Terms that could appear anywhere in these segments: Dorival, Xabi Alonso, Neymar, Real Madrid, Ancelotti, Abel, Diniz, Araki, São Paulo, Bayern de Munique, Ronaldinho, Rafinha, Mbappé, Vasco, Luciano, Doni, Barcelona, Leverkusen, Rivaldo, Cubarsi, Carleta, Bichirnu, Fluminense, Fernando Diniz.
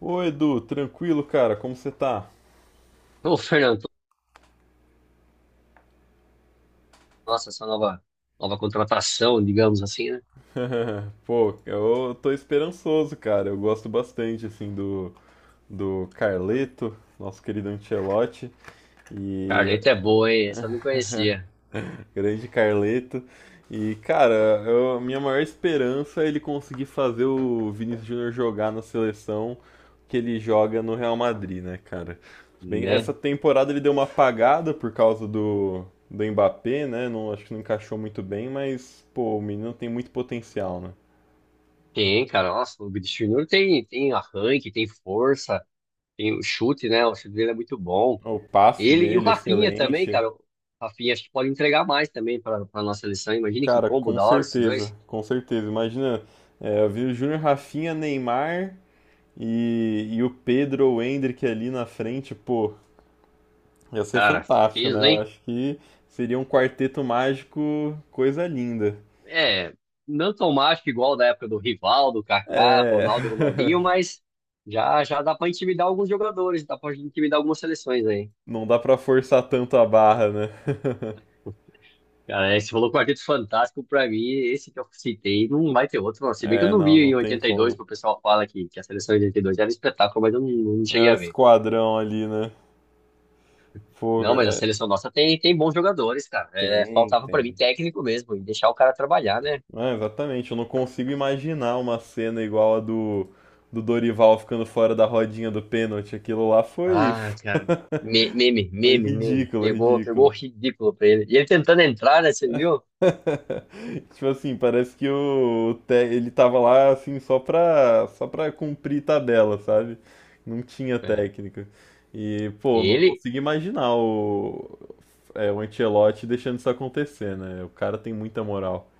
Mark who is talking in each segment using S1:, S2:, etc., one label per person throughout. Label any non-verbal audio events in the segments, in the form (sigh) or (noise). S1: Ô Edu, tranquilo, cara, como você tá?
S2: Ô, Fernando, nossa, essa nova contratação, digamos assim, né?
S1: (laughs) Pô, eu tô esperançoso, cara. Eu gosto bastante, assim, do Carleto, nosso querido Ancelotti. E
S2: Carleta é boa, hein? Essa eu não conhecia,
S1: (laughs) grande Carleto. E, cara, a minha maior esperança é ele conseguir fazer o Vinícius Júnior jogar na seleção que ele joga no Real Madrid, né, cara? Bem, essa
S2: né?
S1: temporada ele deu uma apagada por causa do Mbappé, né? Não, acho que não encaixou muito bem, mas, pô, o menino tem muito potencial, né?
S2: Tem, cara, nossa, o Bichirnu tem arranque, tem força, tem o chute, né? O chute dele é muito bom.
S1: O passe
S2: Ele e o
S1: dele,
S2: Rafinha também,
S1: excelente.
S2: cara. O Rafinha acho que pode entregar mais também para a nossa seleção. Imagina que
S1: Cara,
S2: combo
S1: com
S2: da hora esses
S1: certeza,
S2: dois.
S1: com certeza. Imagina, é, eu vi o Júnior Rafinha, Neymar, e o Pedro ou o Hendrick ali na frente, pô, ia ser
S2: Cara, que
S1: fantástico, né?
S2: peso,
S1: Eu
S2: hein?
S1: acho que seria um quarteto mágico, coisa linda.
S2: É, não tão mágico igual da época do Rivaldo, Kaká,
S1: É.
S2: Ronaldo e Ronaldinho,
S1: (laughs)
S2: mas já já dá pra intimidar alguns jogadores, dá pra intimidar algumas seleções aí.
S1: Não dá pra forçar tanto a barra, né? (laughs)
S2: Cara, esse falou Quarteto Fantástico pra mim, esse que eu citei, não vai ter outro, não. Se bem que eu
S1: É,
S2: não
S1: não,
S2: vi
S1: não
S2: em
S1: tem
S2: 82,
S1: como.
S2: que o pessoal fala que a seleção de 82 era um espetáculo, mas eu não, não
S1: É
S2: cheguei
S1: o
S2: a ver.
S1: esquadrão ali, né? Pô,
S2: Não, mas a
S1: é.
S2: seleção nossa tem bons jogadores, cara. É,
S1: Tem,
S2: faltava pra mim
S1: tem.
S2: técnico mesmo, e deixar o cara trabalhar, né?
S1: É, exatamente, eu não consigo imaginar uma cena igual a do Dorival ficando fora da rodinha do pênalti. Aquilo lá
S2: Ah, cara. Meme,
S1: foi
S2: meme, meme.
S1: ridículo,
S2: Pegou
S1: ridículo.
S2: ridículo pra ele. E ele tentando entrar, né? Você viu?
S1: (laughs) Tipo assim, parece que o ele tava lá assim só só pra cumprir tabela, sabe? Não tinha
S2: É.
S1: técnica. E, pô, não
S2: Ele,
S1: consigo imaginar é, o Ancelotti deixando isso acontecer, né? O cara tem muita moral.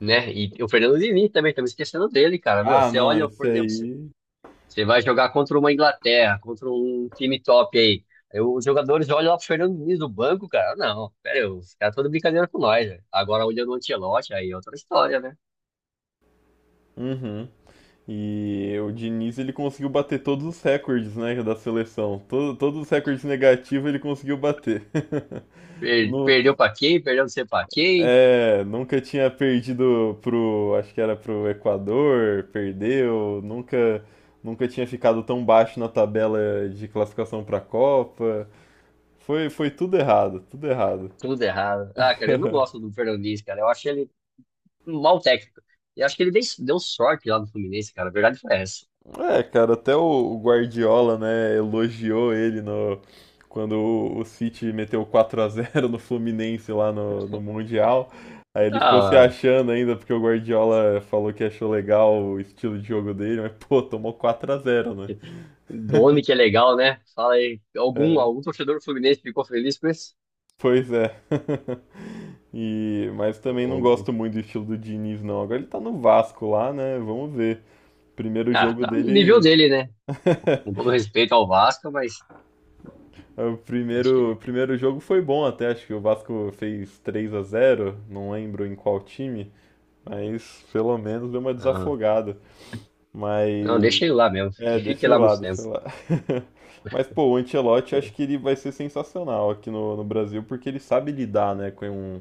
S2: né? E o Fernando Diniz também, estamos esquecendo dele, cara. Meu,
S1: Ah,
S2: você
S1: não,
S2: olha,
S1: esse
S2: por exemplo, você
S1: aí.
S2: você vai jogar contra uma Inglaterra, contra um time top aí. Aí os jogadores olham lá pro Fernando Diniz do banco, cara. Não, pera, aí, os caras estão de brincadeira com nós, né? Agora olhando o Ancelotti, aí é outra história, né?
S1: Uhum. E o Diniz ele conseguiu bater todos os recordes, né, da seleção. Todos os recordes negativos ele conseguiu bater. (laughs) No-
S2: Perdeu pra quem? Perdeu não sei pra quem?
S1: É, nunca tinha perdido pro, acho que era pro Equador, perdeu, nunca tinha ficado tão baixo na tabela de classificação pra Copa. Foi, foi tudo errado, tudo errado.
S2: Tudo errado. Ah, cara,
S1: (laughs)
S2: eu não gosto do Fernando Diniz, cara. Eu acho ele, mal técnico. E acho que ele deu sorte lá no Fluminense, cara. A verdade foi essa.
S1: É, cara, até o Guardiola, né, elogiou ele no quando o City meteu 4 a zero no Fluminense lá no Mundial. Aí ele ficou se
S2: Ah,
S1: achando ainda porque o Guardiola falou que achou legal o estilo de jogo dele, mas pô, tomou 4 a zero, né?
S2: Doni que é
S1: (laughs)
S2: legal, né? Fala aí, algum,
S1: É,
S2: algum torcedor do Fluminense ficou feliz com isso?
S1: pois é. (laughs) E, mas
S2: Ou-
S1: também não
S2: ou-
S1: gosto muito do estilo do Diniz, não. Agora ele tá no Vasco lá, né? Vamos ver. Primeiro
S2: Ah,
S1: jogo
S2: tá no nível
S1: dele.
S2: dele, né? Com todo
S1: (laughs)
S2: respeito ao Vasco, mas
S1: O
S2: acho que
S1: primeiro, o
S2: é.
S1: primeiro jogo foi bom até, acho que o Vasco fez 3 a zero, não lembro em qual time, mas pelo menos deu uma
S2: Não,
S1: desafogada.
S2: não,
S1: Mas
S2: deixa ele lá mesmo, que
S1: é,
S2: fique lá muito tempo.
S1: deixa eu ir lá. (laughs) Mas pô, o Ancelotti acho que ele vai ser sensacional aqui no Brasil porque ele sabe lidar, né, com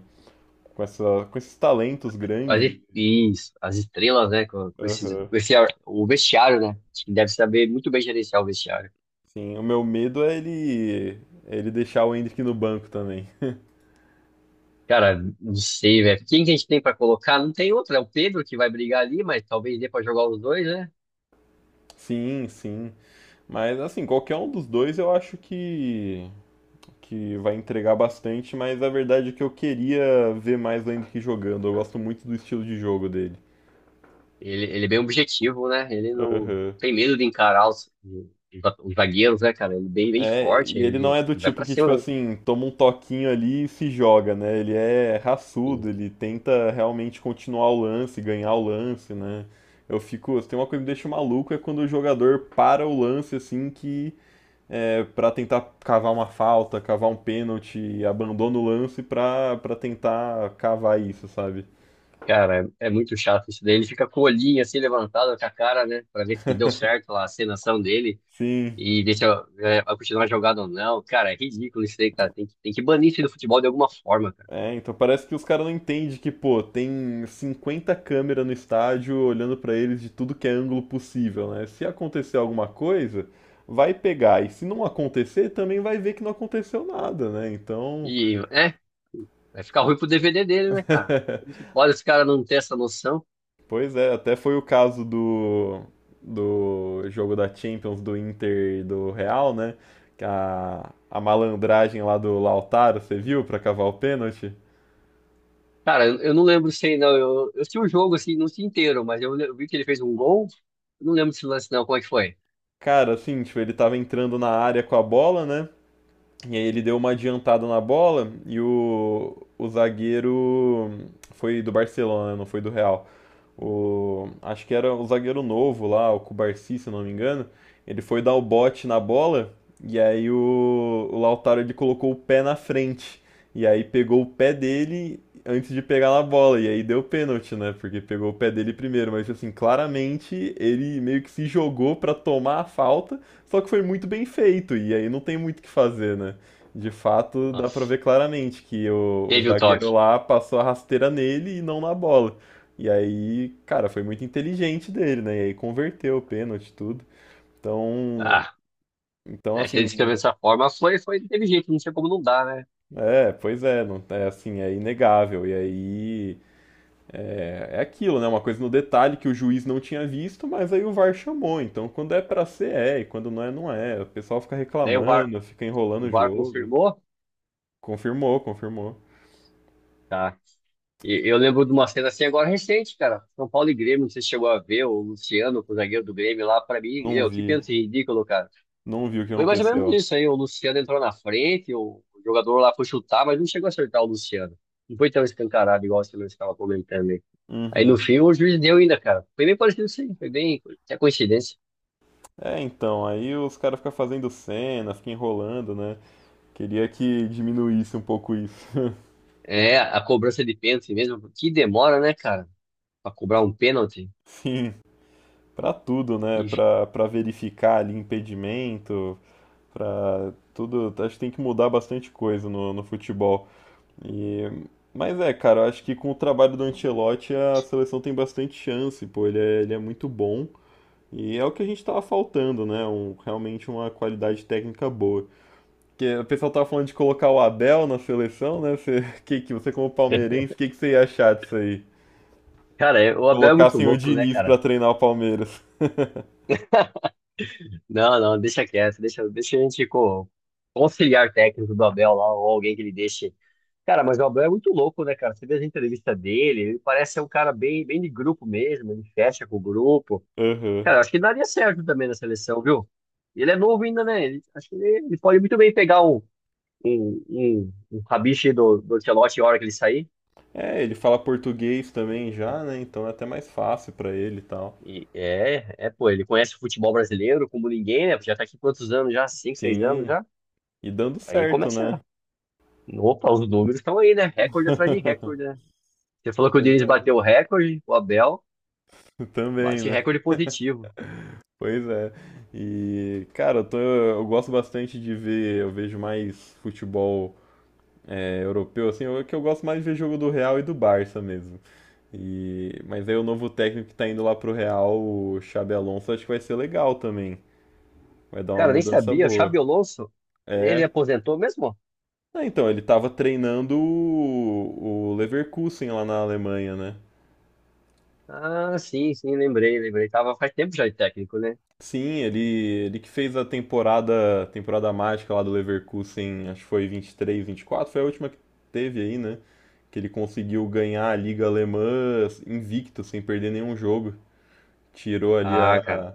S1: com esses talentos grandes.
S2: Quase isso, as estrelas, né? Com, com esses,
S1: Aham.
S2: com esse, ar- o vestiário, né? Acho que deve saber muito bem gerenciar o vestiário.
S1: Sim, o meu medo é ele deixar o Hendrick no banco também. (laughs)
S2: Cara, não sei, velho. Quem que a gente tem pra colocar? Não tem outro, é o Pedro que vai brigar ali, mas talvez dê pra jogar os dois, né?
S1: Sim, sim. Mas assim, qualquer um dos dois eu acho que vai entregar bastante, mas a verdade é que eu queria ver mais o Hendrick jogando. Eu gosto muito do estilo de jogo dele.
S2: Ele é bem objetivo, né? Ele não
S1: Aham.
S2: tem medo de encarar os zagueiros, né, cara? Ele é bem
S1: É,
S2: forte,
S1: e ele não
S2: ele,
S1: é do
S2: ele vai
S1: tipo
S2: pra
S1: que, tipo
S2: cima, né?
S1: assim, toma um toquinho ali e se joga, né? Ele é
S2: E,
S1: raçudo, ele tenta realmente continuar o lance, ganhar o lance, né? Eu fico, tem uma coisa que me deixa maluco é quando o jogador para o lance assim que é para tentar cavar uma falta, cavar um pênalti, abandona o lance pra para tentar cavar isso, sabe?
S2: cara, é, é muito chato isso daí. Ele fica com o olhinho assim levantado com a cara, né? Pra ver se deu
S1: (laughs)
S2: certo lá a cenação dele
S1: Sim.
S2: e deixa, é, vai continuar a jogada ou não. Cara, é ridículo isso aí, cara. Tem que banir isso aí do futebol de alguma forma, cara.
S1: É, então parece que os caras não entendem que, pô, tem 50 câmeras no estádio olhando pra eles de tudo que é ângulo possível, né? Se acontecer alguma coisa, vai pegar. E se não acontecer, também vai ver que não aconteceu nada, né? Então,
S2: E, é. Vai ficar ruim pro DVD dele, né, cara? Como que
S1: (laughs)
S2: pode esse cara não ter essa noção?
S1: pois é, até foi o caso do jogo da Champions do Inter e do Real, né? Que a malandragem lá do Lautaro, você viu, pra cavar o pênalti?
S2: Cara, eu não lembro se aí, não. Eu sei o jogo, assim, não sei inteiro, mas eu, eu vi que ele fez um gol. Eu não lembro desse lance, não. Como é que foi?
S1: Cara, assim, tipo, ele tava entrando na área com a bola, né? E aí ele deu uma adiantada na bola e o zagueiro foi do Barcelona, não foi do Real. O, acho que era o zagueiro novo lá, o Cubarsi, se não me engano. Ele foi dar o bote na bola e aí o Lautaro ele colocou o pé na frente. E aí pegou o pé dele antes de pegar na bola. E aí deu pênalti, né? Porque pegou o pé dele primeiro. Mas assim, claramente ele meio que se jogou pra tomar a falta, só que foi muito bem feito. E aí não tem muito o que fazer, né? De fato, dá pra
S2: Nossa,
S1: ver claramente que o
S2: teve o toque.
S1: zagueiro lá passou a rasteira nele e não na bola. E aí, cara, foi muito inteligente dele, né? E aí converteu o pênalti, tudo. Então,
S2: Ah,
S1: então
S2: é, se ele
S1: assim,
S2: escreveu dessa forma, foi, teve jeito, não sei como não dá, né?
S1: é, pois é, não, é assim, é inegável. E aí é, é aquilo, né? Uma coisa no detalhe que o juiz não tinha visto, mas aí o VAR chamou. Então, quando é pra ser, é, e quando não é, não é. O pessoal fica
S2: Daí o VAR,
S1: reclamando, fica enrolando
S2: o
S1: o
S2: VAR
S1: jogo.
S2: confirmou,
S1: Confirmou, confirmou.
S2: tá? E eu lembro de uma cena assim agora recente, cara. São Paulo e Grêmio, não sei se chegou a ver, o Luciano, o zagueiro do Grêmio lá, pra mim,
S1: Não
S2: eu, que
S1: vi,
S2: pênalti ridículo, cara.
S1: não vi o que
S2: Foi mais ou menos
S1: aconteceu.
S2: isso aí. O Luciano entrou na frente, o jogador lá foi chutar, mas não chegou a acertar o Luciano. Não foi tão escancarado igual você mesmo estava comentando aí. Aí no
S1: Uhum.
S2: fim o juiz deu ainda, cara. Foi bem parecido isso aí, foi bem, até coincidência.
S1: É, então, aí os caras ficam fazendo cena, ficam enrolando, né? Queria que diminuísse um pouco isso. (laughs)
S2: É, a cobrança de pênalti mesmo, que demora, né, cara, pra cobrar um pênalti.
S1: Sim, pra tudo, né?
S2: E,
S1: Pra verificar ali impedimento, pra tudo. Acho que tem que mudar bastante coisa no futebol. E, mas é, cara, eu acho que com o trabalho do Ancelotti a seleção tem bastante chance, pô. Ele é muito bom e é o que a gente tava faltando, né? Um, realmente uma qualidade técnica boa. Que o pessoal tava falando de colocar o Abel na seleção, né? Você, (laughs) que você como palmeirense, que você ia achar disso aí?
S2: cara, é, o Abel é muito
S1: Colocassem o
S2: louco, né,
S1: Diniz pra
S2: cara?
S1: treinar o Palmeiras.
S2: Não, não, deixa quieto, deixa a gente com o auxiliar técnico do Abel lá, ou alguém que ele deixe. Cara, mas o Abel é muito louco, né, cara? Você vê as entrevistas dele, ele parece ser um cara bem de grupo mesmo, ele fecha com o grupo.
S1: Aham.
S2: Cara, acho que daria certo também na seleção, viu? Ele é novo ainda, né? Acho que ele pode muito bem pegar um rabicho do Ancelotti a hora que ele sair.
S1: É, ele fala português também já, né? Então é até mais fácil pra ele e tal.
S2: E é, é, pô, ele conhece o futebol brasileiro como ninguém, né? Já tá aqui quantos anos já? Cinco, seis anos
S1: Sim,
S2: já?
S1: e dando
S2: Aí
S1: certo, né?
S2: começa. Opa, os números estão aí, né? Recorde atrás de recorde,
S1: (laughs)
S2: né? Você falou que o
S1: Pois
S2: Diniz
S1: é,
S2: bateu o recorde, o Abel
S1: também,
S2: bate
S1: né?
S2: recorde positivo.
S1: Pois é. E, cara, eu gosto bastante de ver, eu vejo mais futebol é, europeu, assim, que eu gosto mais de ver jogo do Real e do Barça mesmo. E... mas aí o novo técnico que tá indo lá pro Real, o Xabi Alonso, acho que vai ser legal também. Vai dar uma
S2: Cara, nem
S1: mudança
S2: sabia. O
S1: boa.
S2: Xabi Alonso, ele
S1: É.
S2: aposentou mesmo?
S1: Ah, então, ele tava treinando o Leverkusen lá na Alemanha, né?
S2: Ah, sim, sim, lembrei, lembrei. Tava faz tempo já de técnico, né?
S1: Sim, ele que fez a temporada, temporada mágica lá do Leverkusen, acho que foi vinte vinte e três, vinte e quatro, foi a última que teve aí, né? Que ele conseguiu ganhar a Liga Alemã assim, invicto, sem perder nenhum jogo. Tirou ali
S2: Ah,
S1: a,
S2: cara.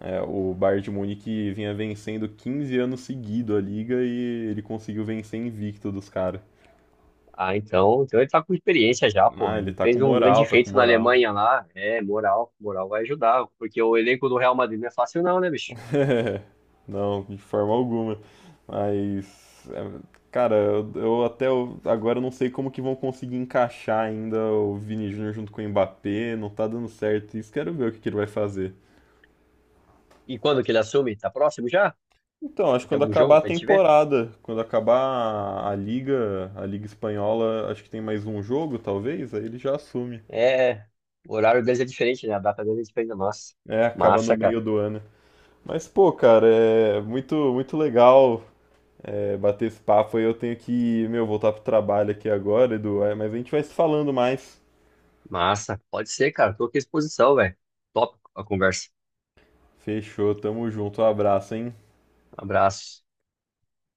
S1: é, o Bayern de Munique vinha vencendo 15 anos seguido a liga e ele conseguiu vencer invicto dos caras.
S2: Ah, então, então ele tá com experiência já,
S1: Ah,
S2: porra.
S1: ele
S2: Ele
S1: tá com
S2: fez um grande
S1: moral, tá com
S2: feito na
S1: moral.
S2: Alemanha lá. É, moral, moral vai ajudar, porque o elenco do Real Madrid não é fácil não, né, bicho?
S1: (laughs) Não, de forma alguma. Mas, é, cara, eu até agora não sei como que vão conseguir encaixar ainda o Vini Júnior junto com o Mbappé, não tá dando certo isso, quero ver o que que ele vai fazer.
S2: E quando que ele assume? Tá próximo já?
S1: Então,
S2: Já
S1: acho que
S2: tem
S1: quando
S2: algum
S1: acabar
S2: jogo
S1: a
S2: pra gente ver?
S1: temporada, quando acabar a liga espanhola, acho que tem mais um jogo, talvez, aí ele já assume.
S2: É, o horário deles é diferente, né? A data deles é diferente da nossa.
S1: É, acaba no
S2: Massa, cara.
S1: meio do ano. Mas, pô, cara, é muito legal é, bater esse papo. Aí. Eu tenho que, meu, voltar pro trabalho aqui agora, Edu. É, mas a gente vai se falando mais.
S2: Massa. Pode ser, cara. Tô aqui à disposição, velho. Top a conversa.
S1: Fechou, tamo junto. Um abraço, hein?
S2: Abraço.